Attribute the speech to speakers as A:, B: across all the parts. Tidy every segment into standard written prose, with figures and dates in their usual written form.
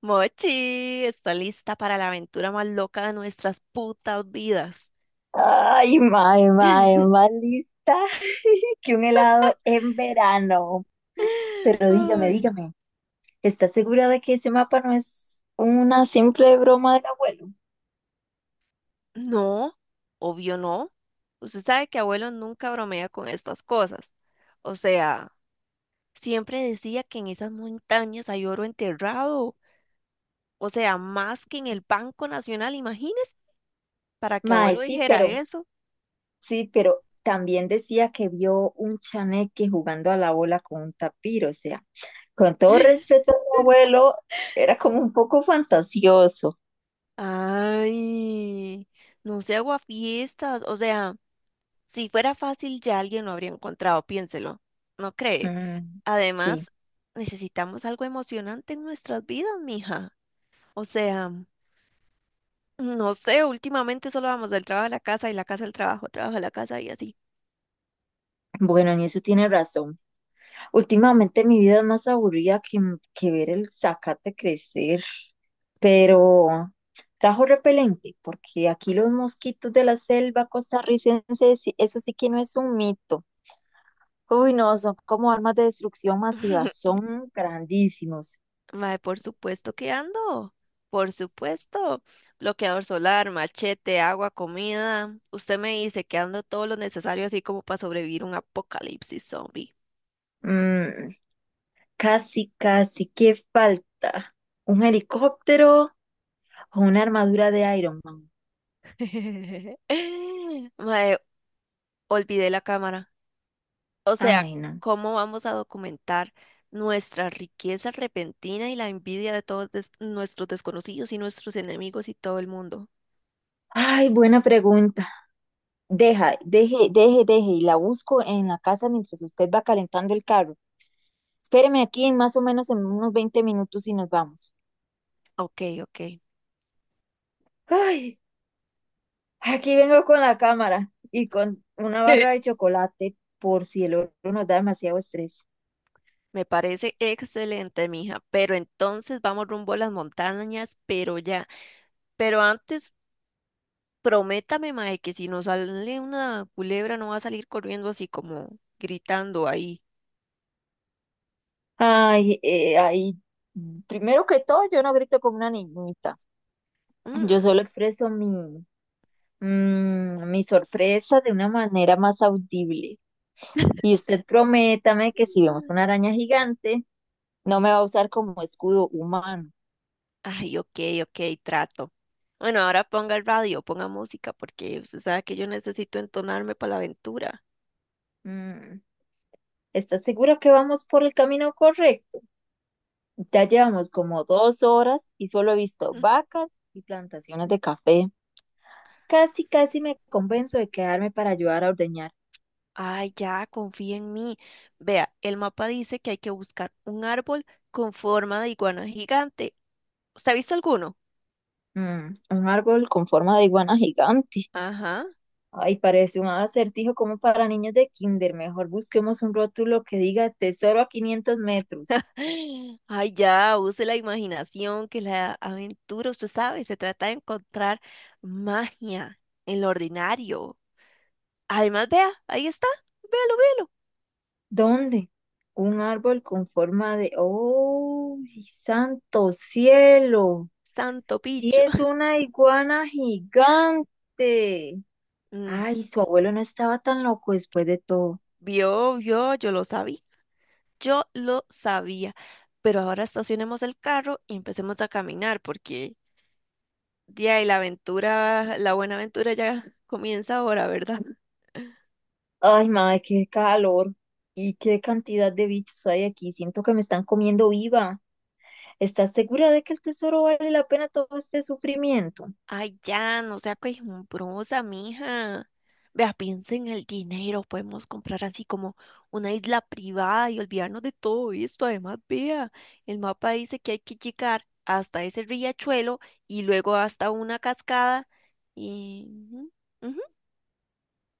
A: Mochi, está lista para la aventura más loca de nuestras putas vidas.
B: Ay, mae, más lista que un helado en verano. Pero dígame,
A: Ay,
B: dígame, ¿estás segura de que ese mapa no es una simple broma del abuelo?
A: no, obvio no. Usted sabe que abuelo nunca bromea con estas cosas. O sea, siempre decía que en esas montañas hay oro enterrado. O sea, más que en el Banco Nacional, imagínese, para que
B: Mae,
A: abuelo
B: sí,
A: dijera
B: pero,
A: eso.
B: sí, pero también decía que vio un chaneque jugando a la bola con un tapir, o sea, con todo respeto a su abuelo, era como un poco fantasioso.
A: Ay, no se hago a fiestas. O sea, si fuera fácil ya alguien lo habría encontrado, piénselo. ¿No cree?
B: Mm, sí,
A: Además, necesitamos algo emocionante en nuestras vidas, mija. O sea, no sé, últimamente solo vamos del trabajo a la casa y la casa al trabajo, trabajo a la casa y así.
B: bueno, en eso tiene razón. Últimamente mi vida es más aburrida que ver el zacate crecer, pero trajo repelente, porque aquí los mosquitos de la selva costarricense, eso sí que no es un mito. Uy, no, son como armas de destrucción masiva, son grandísimos.
A: Mae, por supuesto que ando. Por supuesto. Bloqueador solar, machete, agua, comida. Usted me dice que ando todo lo necesario así como para sobrevivir un apocalipsis zombie.
B: Mm, casi, casi, ¿qué falta? ¿Un helicóptero o una armadura de Iron Man?
A: Mae, olvidé la cámara. O sea,
B: Ay, no.
A: ¿cómo vamos a documentar nuestra riqueza repentina y la envidia de todos nuestros desconocidos y nuestros enemigos y todo el mundo?
B: Ay, buena pregunta. Deja, deje, y la busco en la casa mientras usted va calentando el carro. Espéreme aquí en más o menos en unos 20 minutos y nos vamos.
A: Ok, ok.
B: Ay, aquí vengo con la cámara y con una barra de chocolate por si el otro nos da demasiado estrés.
A: Me parece excelente, mija. Pero entonces vamos rumbo a las montañas, pero ya. Pero antes, prométame, mae, que si nos sale una culebra no va a salir corriendo así como gritando ahí.
B: Ay, ay, primero que todo, yo no grito como una niñita. Yo
A: Mm.
B: solo expreso mi sorpresa de una manera más audible. Y usted prométame que si vemos una araña gigante, no me va a usar como escudo humano.
A: Ay, ok, ok, trato. Bueno, ahora ponga el radio, ponga música, porque usted sabe que yo necesito entonarme para la aventura.
B: Mm, ¿estás seguro que vamos por el camino correcto? Ya llevamos como 2 horas y solo he visto
A: Mm.
B: vacas y plantaciones de café. Casi, casi me convenzo de quedarme para ayudar a ordeñar.
A: Ay, ya, confía en mí. Vea, el mapa dice que hay que buscar un árbol con forma de iguana gigante. ¿Usted ha visto alguno?
B: Mm, un árbol con forma de iguana gigante.
A: Ajá.
B: Ay, parece un acertijo como para niños de kinder. Mejor busquemos un rótulo que diga tesoro a 500 metros.
A: Ay, ya, use la imaginación, que la aventura, usted sabe, se trata de encontrar magia en lo ordinario. Además, vea, ahí está, véalo, véalo.
B: ¿Dónde? Un árbol con forma de... ¡Oh, santo cielo!
A: Santo
B: Sí,
A: picho.
B: es una iguana gigante. Ay, su abuelo no estaba tan loco después de todo.
A: Vio, vio, yo lo sabía, yo lo sabía. Pero ahora estacionemos el carro y empecemos a caminar, porque de ahí la aventura, la buena aventura ya comienza ahora, ¿verdad?
B: Ay, madre, qué calor. Y qué cantidad de bichos hay aquí. Siento que me están comiendo viva. ¿Estás segura de que el tesoro vale la pena todo este sufrimiento?
A: Ay, ya, no sea quejumbrosa, mija. Vea, piensa en el dinero, podemos comprar así como una isla privada y olvidarnos de todo esto. Además, vea, el mapa dice que hay que llegar hasta ese riachuelo y luego hasta una cascada y... ujú, ujú.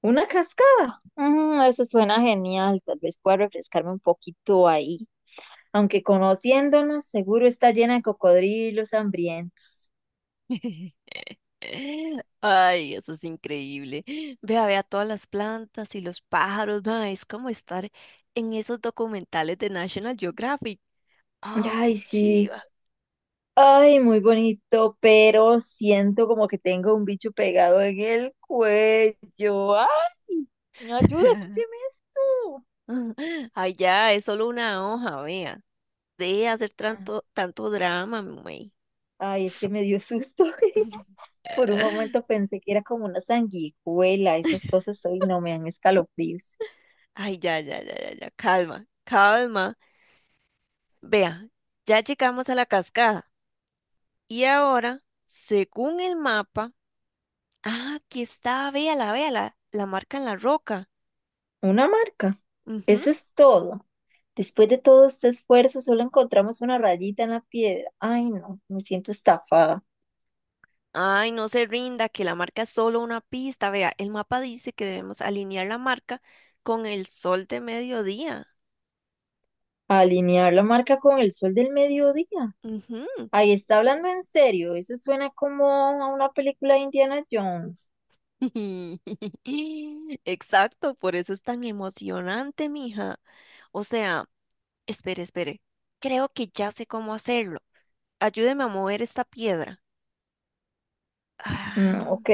B: ¿Una cascada? Mm, eso suena genial. Tal vez pueda refrescarme un poquito ahí, aunque conociéndonos, seguro está llena de cocodrilos hambrientos.
A: Ay, eso es increíble. Vea, vea todas las plantas y los pájaros, ma, es como estar en esos documentales de National Geographic. Oh, qué
B: Ay, sí.
A: chiva.
B: Ay, muy bonito, pero siento como que tengo un bicho pegado en el cuello. Ay, no, ayuda, quíteme esto.
A: Ay, ya, es solo una hoja, vea. Deje de hacer
B: Ah,
A: tanto drama, güey.
B: Ay, es que me dio susto. Por un momento pensé que era como una sanguijuela. Esas cosas hoy no me dan escalofríos.
A: Ay, ya, ya, ya, ya, ya, calma, calma. Vea, ya llegamos a la cascada. Y ahora, según el mapa, ah, aquí está, véala, véala, la marca en la roca.
B: Una marca.
A: Ujú.
B: Eso es todo. Después de todo este esfuerzo, solo encontramos una rayita en la piedra. Ay, no, me siento estafada.
A: Ay, no se rinda, que la marca es solo una pista. Vea, el mapa dice que debemos alinear la marca con el sol de mediodía.
B: Alinear la marca con el sol del mediodía.
A: Ujú.
B: Ahí está hablando en serio. Eso suena como a una película de Indiana Jones.
A: Exacto, por eso es tan emocionante, mija. O sea, espere, espere. Creo que ya sé cómo hacerlo. Ayúdeme a mover esta piedra.
B: Mm,
A: Ah.
B: ok.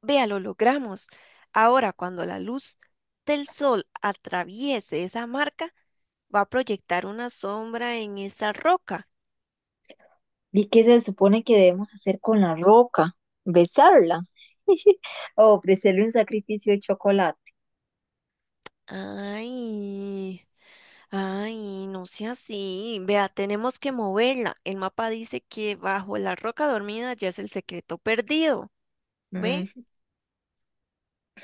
A: Vea, lo logramos. Ahora, cuando la luz del sol atraviese esa marca, va a proyectar una sombra en esa roca.
B: ¿Y qué se supone que debemos hacer con la roca? ¿Besarla? ¿O ofrecerle un sacrificio de chocolate?
A: Ay, ay, no sea así. Vea, tenemos que moverla. El mapa dice que bajo la roca dormida ya es el secreto perdido. ¿Ve?
B: Mm,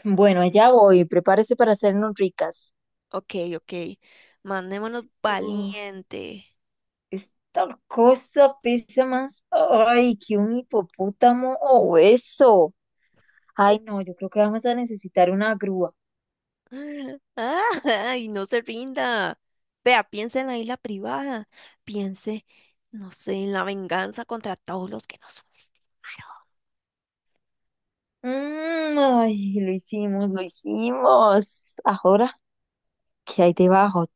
B: bueno, allá voy. Prepárese para hacernos ricas.
A: Ok, ok. Mandémonos
B: Uf.
A: valiente.
B: Esta cosa pesa más, ay, que un hipopótamo o eso. Ay, no, yo creo que vamos a necesitar una grúa.
A: Ay, no se rinda. Vea, piense en la isla privada. Piense, no sé, en la venganza contra todos los que nos subestimaron.
B: Mm, ay, lo hicimos. Ahora, ¿qué hay debajo?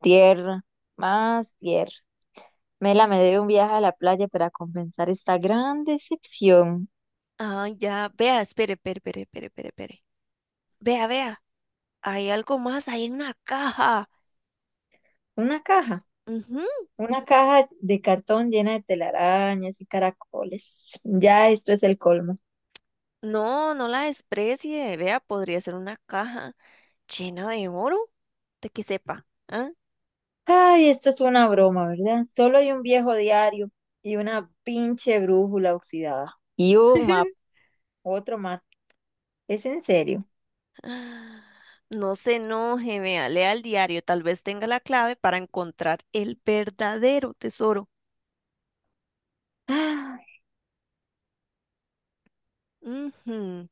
B: Tierra, más tierra. Mela me debe un viaje a la playa para compensar esta gran decepción.
A: Ay, ya, vea, espere. Vea, vea, hay algo más, hay una caja.
B: Una caja,
A: Ujú.
B: una caja de cartón llena de telarañas y caracoles. Ya esto es el colmo.
A: No, no la desprecie. Vea, podría ser una caja llena de oro, de que sepa. ¿Ah?
B: Ay, esto es una broma, ¿verdad? Solo hay un viejo diario y una pinche brújula oxidada. Y un mapa, otro más. ¿Es en serio?
A: No se enoje, vea, lea el diario, tal vez tenga la clave para encontrar el verdadero tesoro.
B: Ah,
A: Ujú.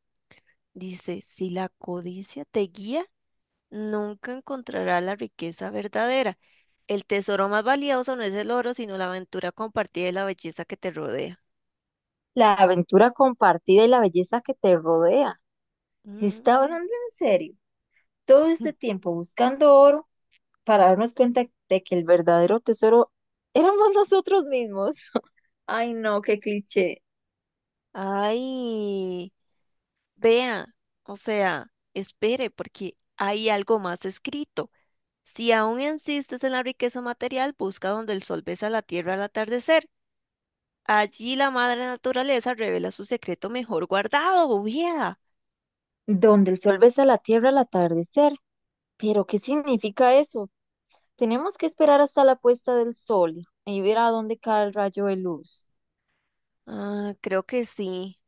A: Dice, si la codicia te guía, nunca encontrarás la riqueza verdadera. El tesoro más valioso no es el oro, sino la aventura compartida y la belleza que te rodea.
B: la aventura compartida y la belleza que te rodea. Está
A: Mm.
B: hablando en serio. Todo este tiempo buscando oro para darnos cuenta de que el verdadero tesoro éramos nosotros mismos. Ay, no, qué cliché.
A: Ay, vea, o sea, espere, porque hay algo más escrito. Si aún insistes en la riqueza material, busca donde el sol besa la tierra al atardecer. Allí la madre naturaleza revela su secreto mejor guardado, bobía.
B: Donde el sol besa la tierra al atardecer. Pero, ¿qué significa eso? Tenemos que esperar hasta la puesta del sol y ver a dónde cae el rayo de luz.
A: Ah, creo que sí.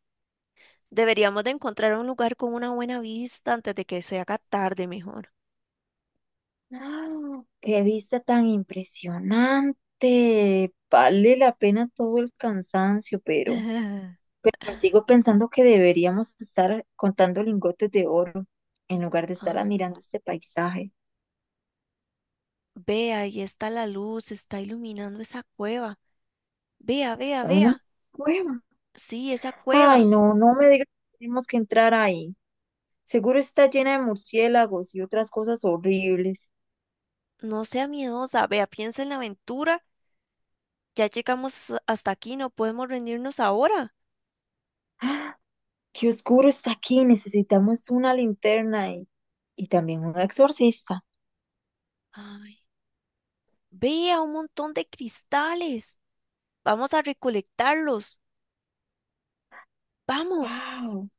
A: Deberíamos de encontrar un lugar con una buena vista antes de que se haga tarde mejor.
B: ¡Ah! ¡Qué vista tan impresionante! Vale la pena todo el cansancio, pero sigo pensando que deberíamos estar contando lingotes de oro en lugar de estar
A: Ay,
B: admirando este paisaje.
A: vea, ahí está la luz, está iluminando esa cueva. Vea, vea,
B: Una
A: vea.
B: cueva.
A: Sí, esa cueva.
B: Ay, no, no me digas que tenemos que entrar ahí. Seguro está llena de murciélagos y otras cosas horribles.
A: No sea miedosa. Vea, piensa en la aventura. Ya llegamos hasta aquí, no podemos rendirnos ahora.
B: ¡Ah! ¡Qué oscuro está aquí! Necesitamos una linterna y también un exorcista.
A: Ay. Vea un montón de cristales. Vamos a recolectarlos. Vamos.
B: ¡Wow!